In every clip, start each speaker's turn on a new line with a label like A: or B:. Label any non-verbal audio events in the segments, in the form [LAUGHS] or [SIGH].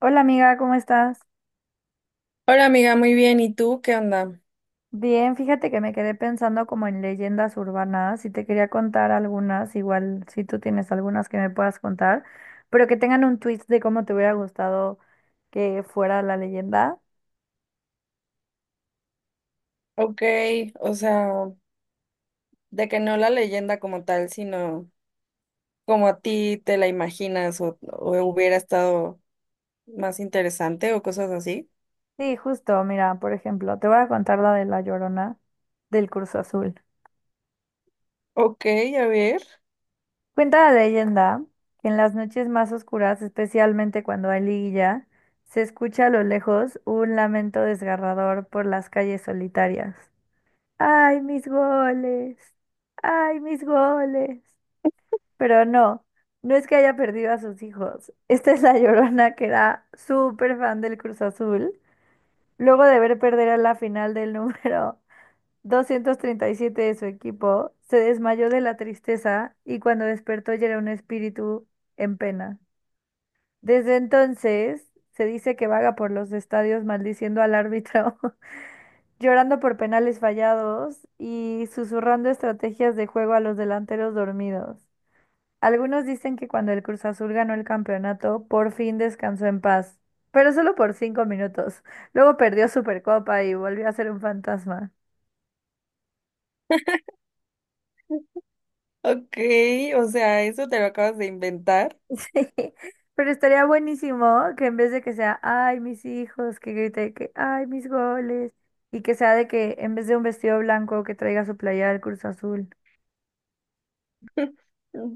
A: Hola amiga, ¿cómo estás?
B: Hola amiga, muy bien. ¿Y tú qué onda?
A: Bien, fíjate que me quedé pensando como en leyendas urbanas y te quería contar algunas, igual si tú tienes algunas que me puedas contar, pero que tengan un twist de cómo te hubiera gustado que fuera la leyenda.
B: Ok, o sea, de que no la leyenda como tal, sino como a ti te la imaginas o hubiera estado más interesante o cosas así.
A: Sí, justo, mira, por ejemplo, te voy a contar la de La Llorona del Curso Azul.
B: Ok, a ver.
A: Cuenta la leyenda que en las noches más oscuras, especialmente cuando hay liguilla, se escucha a lo lejos un lamento desgarrador por las calles solitarias. Ay, mis goles. Ay, mis goles. Pero no, no es que haya perdido a sus hijos. Esta es la [LAUGHS] Llorona que era súper fan del Cruz Azul. Luego de ver perder a la final del número [LAUGHS] 237 de su equipo, se desmayó de la tristeza y cuando despertó ya era un espíritu en pena. Desde entonces, se dice que vaga por los estadios maldiciendo al árbitro [LAUGHS] llorando por penales fallados y susurrando estrategias de juego a los delanteros dormidos. Algunos dicen que cuando el Cruz Azul ganó el campeonato, por fin descansó en paz, pero solo por 5 minutos. Luego perdió Supercopa y volvió a ser un fantasma.
B: Ok, o sea, eso te lo acabas de inventar.
A: [LAUGHS] Pero estaría buenísimo que en vez de que sea, ay, mis hijos, que grite que, ay, mis goles, y que sea de que en vez de un vestido blanco que traiga su playera del Cruz Azul.
B: [LAUGHS]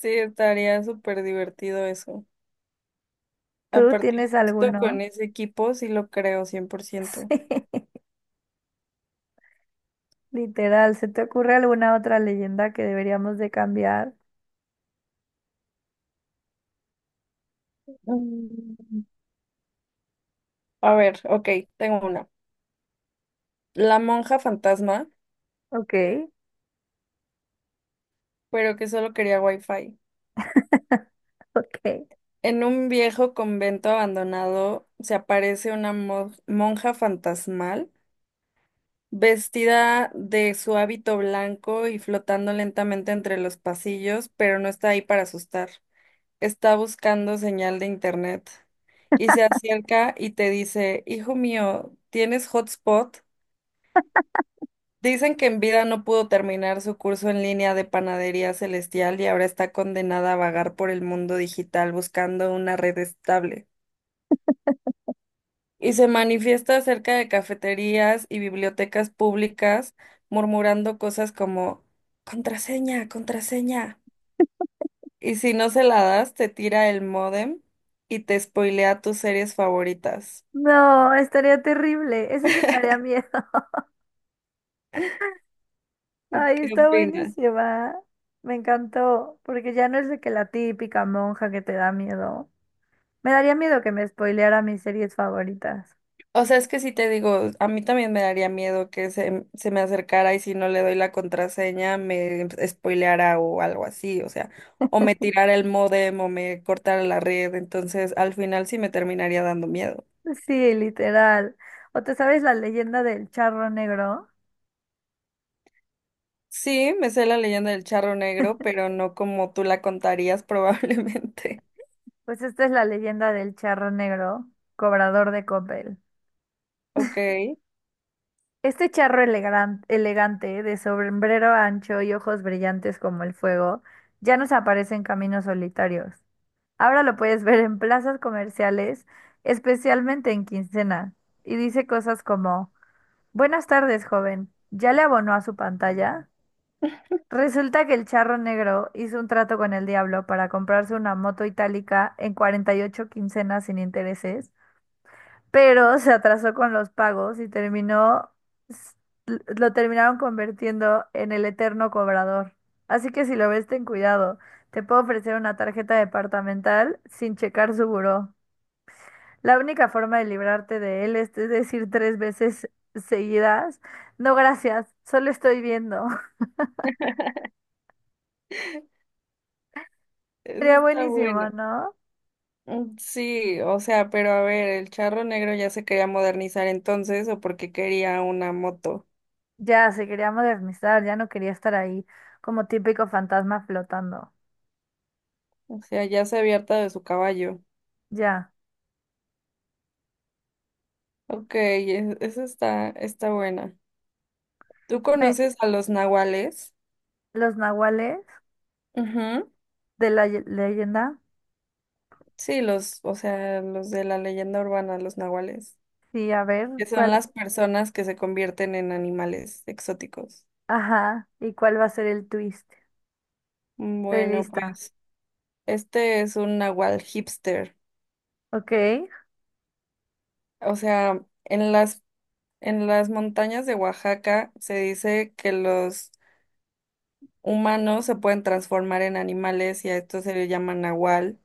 B: Sí, estaría súper divertido eso.
A: ¿Tú
B: Aparte,
A: tienes
B: justo con
A: alguno?
B: ese equipo sí lo creo 100%.
A: [LAUGHS] Sí. Literal, ¿se te ocurre alguna otra leyenda que deberíamos de cambiar?
B: Mm, A ver, ok, tengo una. La monja fantasma,
A: Ok,
B: pero que solo quería wifi.
A: [LAUGHS] ok.
B: En un viejo convento abandonado se aparece una monja fantasmal, vestida de su hábito blanco y flotando lentamente entre los pasillos, pero no está ahí para asustar. Está buscando señal de internet y se acerca y te dice, hijo mío, ¿tienes hotspot? Dicen que en vida no pudo terminar su curso en línea de panadería celestial y ahora está condenada a vagar por el mundo digital buscando una red estable. Y se manifiesta cerca de cafeterías y bibliotecas públicas, murmurando cosas como contraseña, contraseña. Y si no se la das, te tira el módem y te spoilea tus series favoritas.
A: No, estaría terrible. Eso sí me daría miedo. [LAUGHS] Ay,
B: ¿Qué
A: está
B: opinas?
A: buenísima. Me encantó, porque ya no es de que la típica monja que te da miedo. Me daría miedo que me spoileara mis series favoritas. [LAUGHS]
B: O sea, es que si te digo, a mí también me daría miedo que se me acercara y si no le doy la contraseña me spoileara o algo así, o sea, o me tirara el módem o me cortara la red, entonces al final sí me terminaría dando miedo.
A: Sí, literal. ¿O te sabes la leyenda del charro negro?
B: Sí, me sé la leyenda del charro negro, pero no como tú la contarías probablemente. [LAUGHS]
A: Pues esta es la leyenda del charro negro, cobrador de copel.
B: Ok, eso
A: Este charro elegante, de sombrero ancho y ojos brillantes como el fuego, ya nos aparece en caminos solitarios. Ahora lo puedes ver en plazas comerciales, especialmente en quincena, y dice cosas como, buenas tardes, joven, ¿ya le abonó a su pantalla? Resulta que el charro negro hizo un trato con el diablo para comprarse una moto itálica en 48 quincenas sin intereses, pero se atrasó con los pagos y terminó, s- lo terminaron convirtiendo en el eterno cobrador. Así que si lo ves, ten cuidado. Te puedo ofrecer una tarjeta departamental sin checar su buró. La única forma de librarte de él es decir 3 veces seguidas, no gracias, solo estoy viendo. [LAUGHS] Sería
B: está
A: buenísimo,
B: bueno.
A: ¿no?
B: Mm, sí, o sea, pero a ver, el charro negro ya se quería modernizar entonces o porque quería una moto.
A: Ya, se quería modernizar, ya no quería estar ahí como típico fantasma flotando.
B: O sea, ya se había hartado de su caballo.
A: Ya.
B: Ok, eso está, está buena. ¿Tú
A: Me-
B: conoces a los nahuales?
A: los nahuales.
B: Ujú.
A: De la leyenda.
B: Sí, los, o sea, los de la leyenda urbana, los nahuales.
A: Sí, a ver,
B: Que
A: ¿cuál?
B: son las personas que se convierten en animales exóticos.
A: Ajá, ¿y cuál va a ser el twist? Estoy
B: Bueno,
A: lista.
B: pues este es un nahual hipster.
A: Ok.
B: O sea, en las, en las montañas de Oaxaca se dice que los humanos se pueden transformar en animales y a esto se le llama nahual,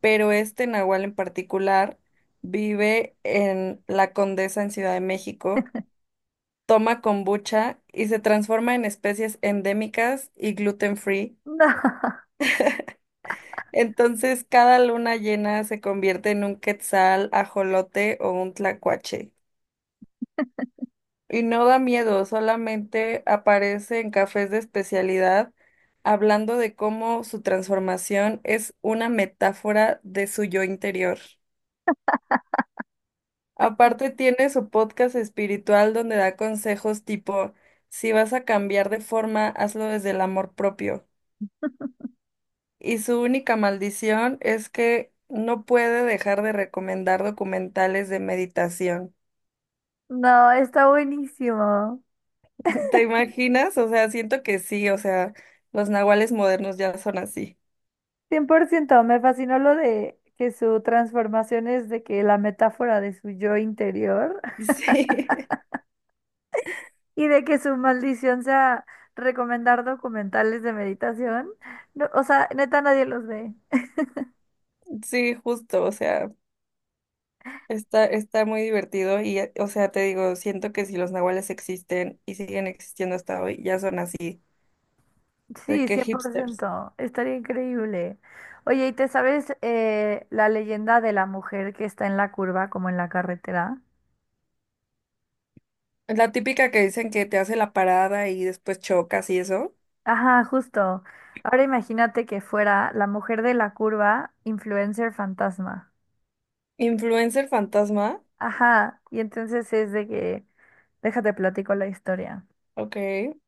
B: pero este nahual en particular vive en La Condesa en Ciudad de México, toma kombucha y se transforma en especies endémicas y gluten free.
A: No, [LAUGHS]
B: Entonces, cada luna llena se convierte en un quetzal, ajolote o un tlacuache. Y no da miedo, solamente aparece en cafés de especialidad, hablando de cómo su transformación es una metáfora de su yo interior. Aparte, tiene su podcast espiritual donde da consejos tipo, si vas a cambiar de forma, hazlo desde el amor propio. Y su única maldición es que no puede dejar de recomendar documentales de meditación.
A: no, está buenísimo.
B: [LAUGHS] ¿Te imaginas? O sea, siento que sí, o sea, los nahuales modernos ya son así.
A: Cien por ciento me fascinó lo de que su transformación es de que la metáfora de su yo interior [LAUGHS]
B: Sí,
A: y de que su maldición sea recomendar documentales de meditación. No, o sea, neta, nadie los ve.
B: [LAUGHS] sí, justo, o sea, está, está muy divertido y, o sea, te digo, siento que si los nahuales existen y siguen existiendo hasta hoy, ya son así, de
A: Sí,
B: que
A: cien por
B: hipsters.
A: ciento, estaría increíble. Oye, ¿y te sabes, la leyenda de la mujer que está en la curva, como en la carretera?
B: La típica que dicen que te hace la parada y después chocas y eso.
A: Ajá, justo. Ahora imagínate que fuera la mujer de la curva, influencer fantasma.
B: Influencer fantasma,
A: Ajá, y entonces es de que, déjate platico la historia.
B: ok.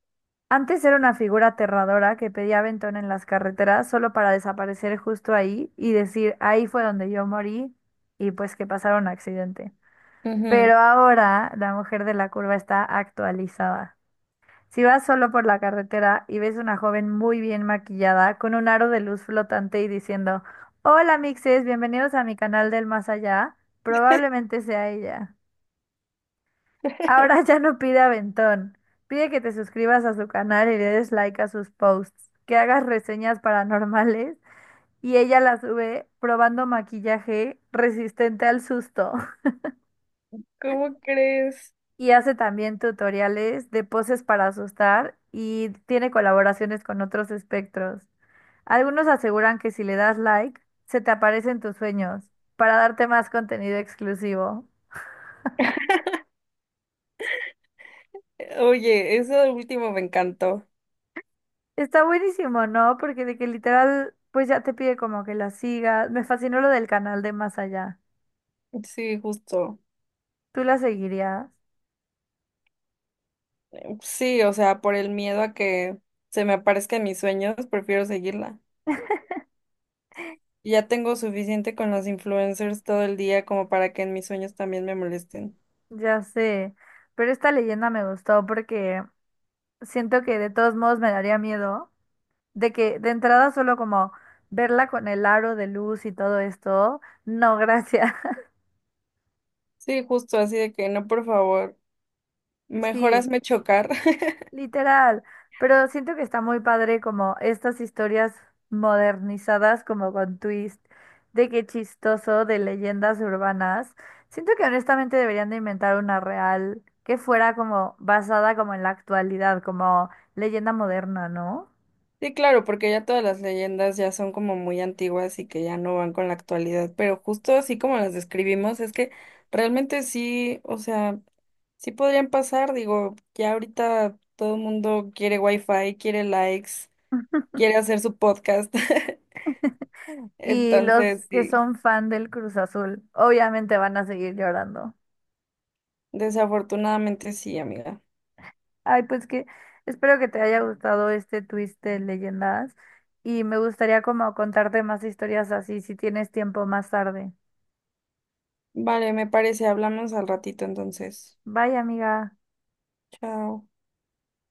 A: Antes era una figura aterradora que pedía aventón en las carreteras solo para desaparecer justo ahí y decir, ahí fue donde yo morí y pues que pasara un accidente.
B: Ujú.
A: Pero ahora la mujer de la curva está actualizada. Si vas solo por la carretera y ves una joven muy bien maquillada con un aro de luz flotante y diciendo, hola mixes, bienvenidos a mi canal del más allá, probablemente sea ella. Ahora [LAUGHS] ya no pide aventón, pide que te suscribas a su canal y le des like a sus posts, que hagas reseñas paranormales y ella las sube probando maquillaje resistente al susto.
B: ¿Cómo crees?
A: Y hace también tutoriales de poses para asustar y tiene colaboraciones con otros espectros. Algunos aseguran que si le das like, se te aparecen tus sueños para darte más contenido exclusivo.
B: Oye, eso último me encantó.
A: Está buenísimo, ¿no? Porque de que literal, pues ya te pide como que la sigas. Me fascinó lo del canal de Más Allá.
B: Sí, justo.
A: ¿Tú la seguirías?
B: Sí, o sea, por el miedo a que se me aparezca en mis sueños, prefiero seguirla. Ya tengo suficiente con los influencers todo el día como para que en mis sueños también me molesten.
A: Ya sé, pero esta leyenda me gustó porque siento que de todos modos me daría miedo. De que de entrada solo como verla con el aro de luz y todo esto, no, gracias. [LAUGHS]
B: Sí, justo, así de que no, por favor, mejor
A: Sí,
B: hazme chocar. [LAUGHS]
A: literal. Pero siento que está muy padre como estas historias modernizadas, como con twist, de qué chistoso, de leyendas urbanas. Siento que honestamente deberían de inventar una real que fuera como basada como en la actualidad, como leyenda moderna, ¿no?
B: Sí, claro, porque ya todas las leyendas ya son como muy antiguas y que ya no van con la actualidad, pero justo así como las describimos, es que realmente sí, o sea... Sí podrían pasar, digo, ya ahorita todo el mundo quiere wifi, quiere likes, quiere hacer su podcast. [LAUGHS]
A: Y los
B: Entonces,
A: que
B: sí,
A: son fan del Cruz Azul, obviamente van a seguir llorando.
B: desafortunadamente sí, amiga.
A: Ay, pues que espero que te haya gustado este twist de leyendas y me gustaría como contarte más historias así si tienes tiempo más tarde.
B: Vale, me parece, hablamos al ratito entonces.
A: Bye, amiga.
B: Chao.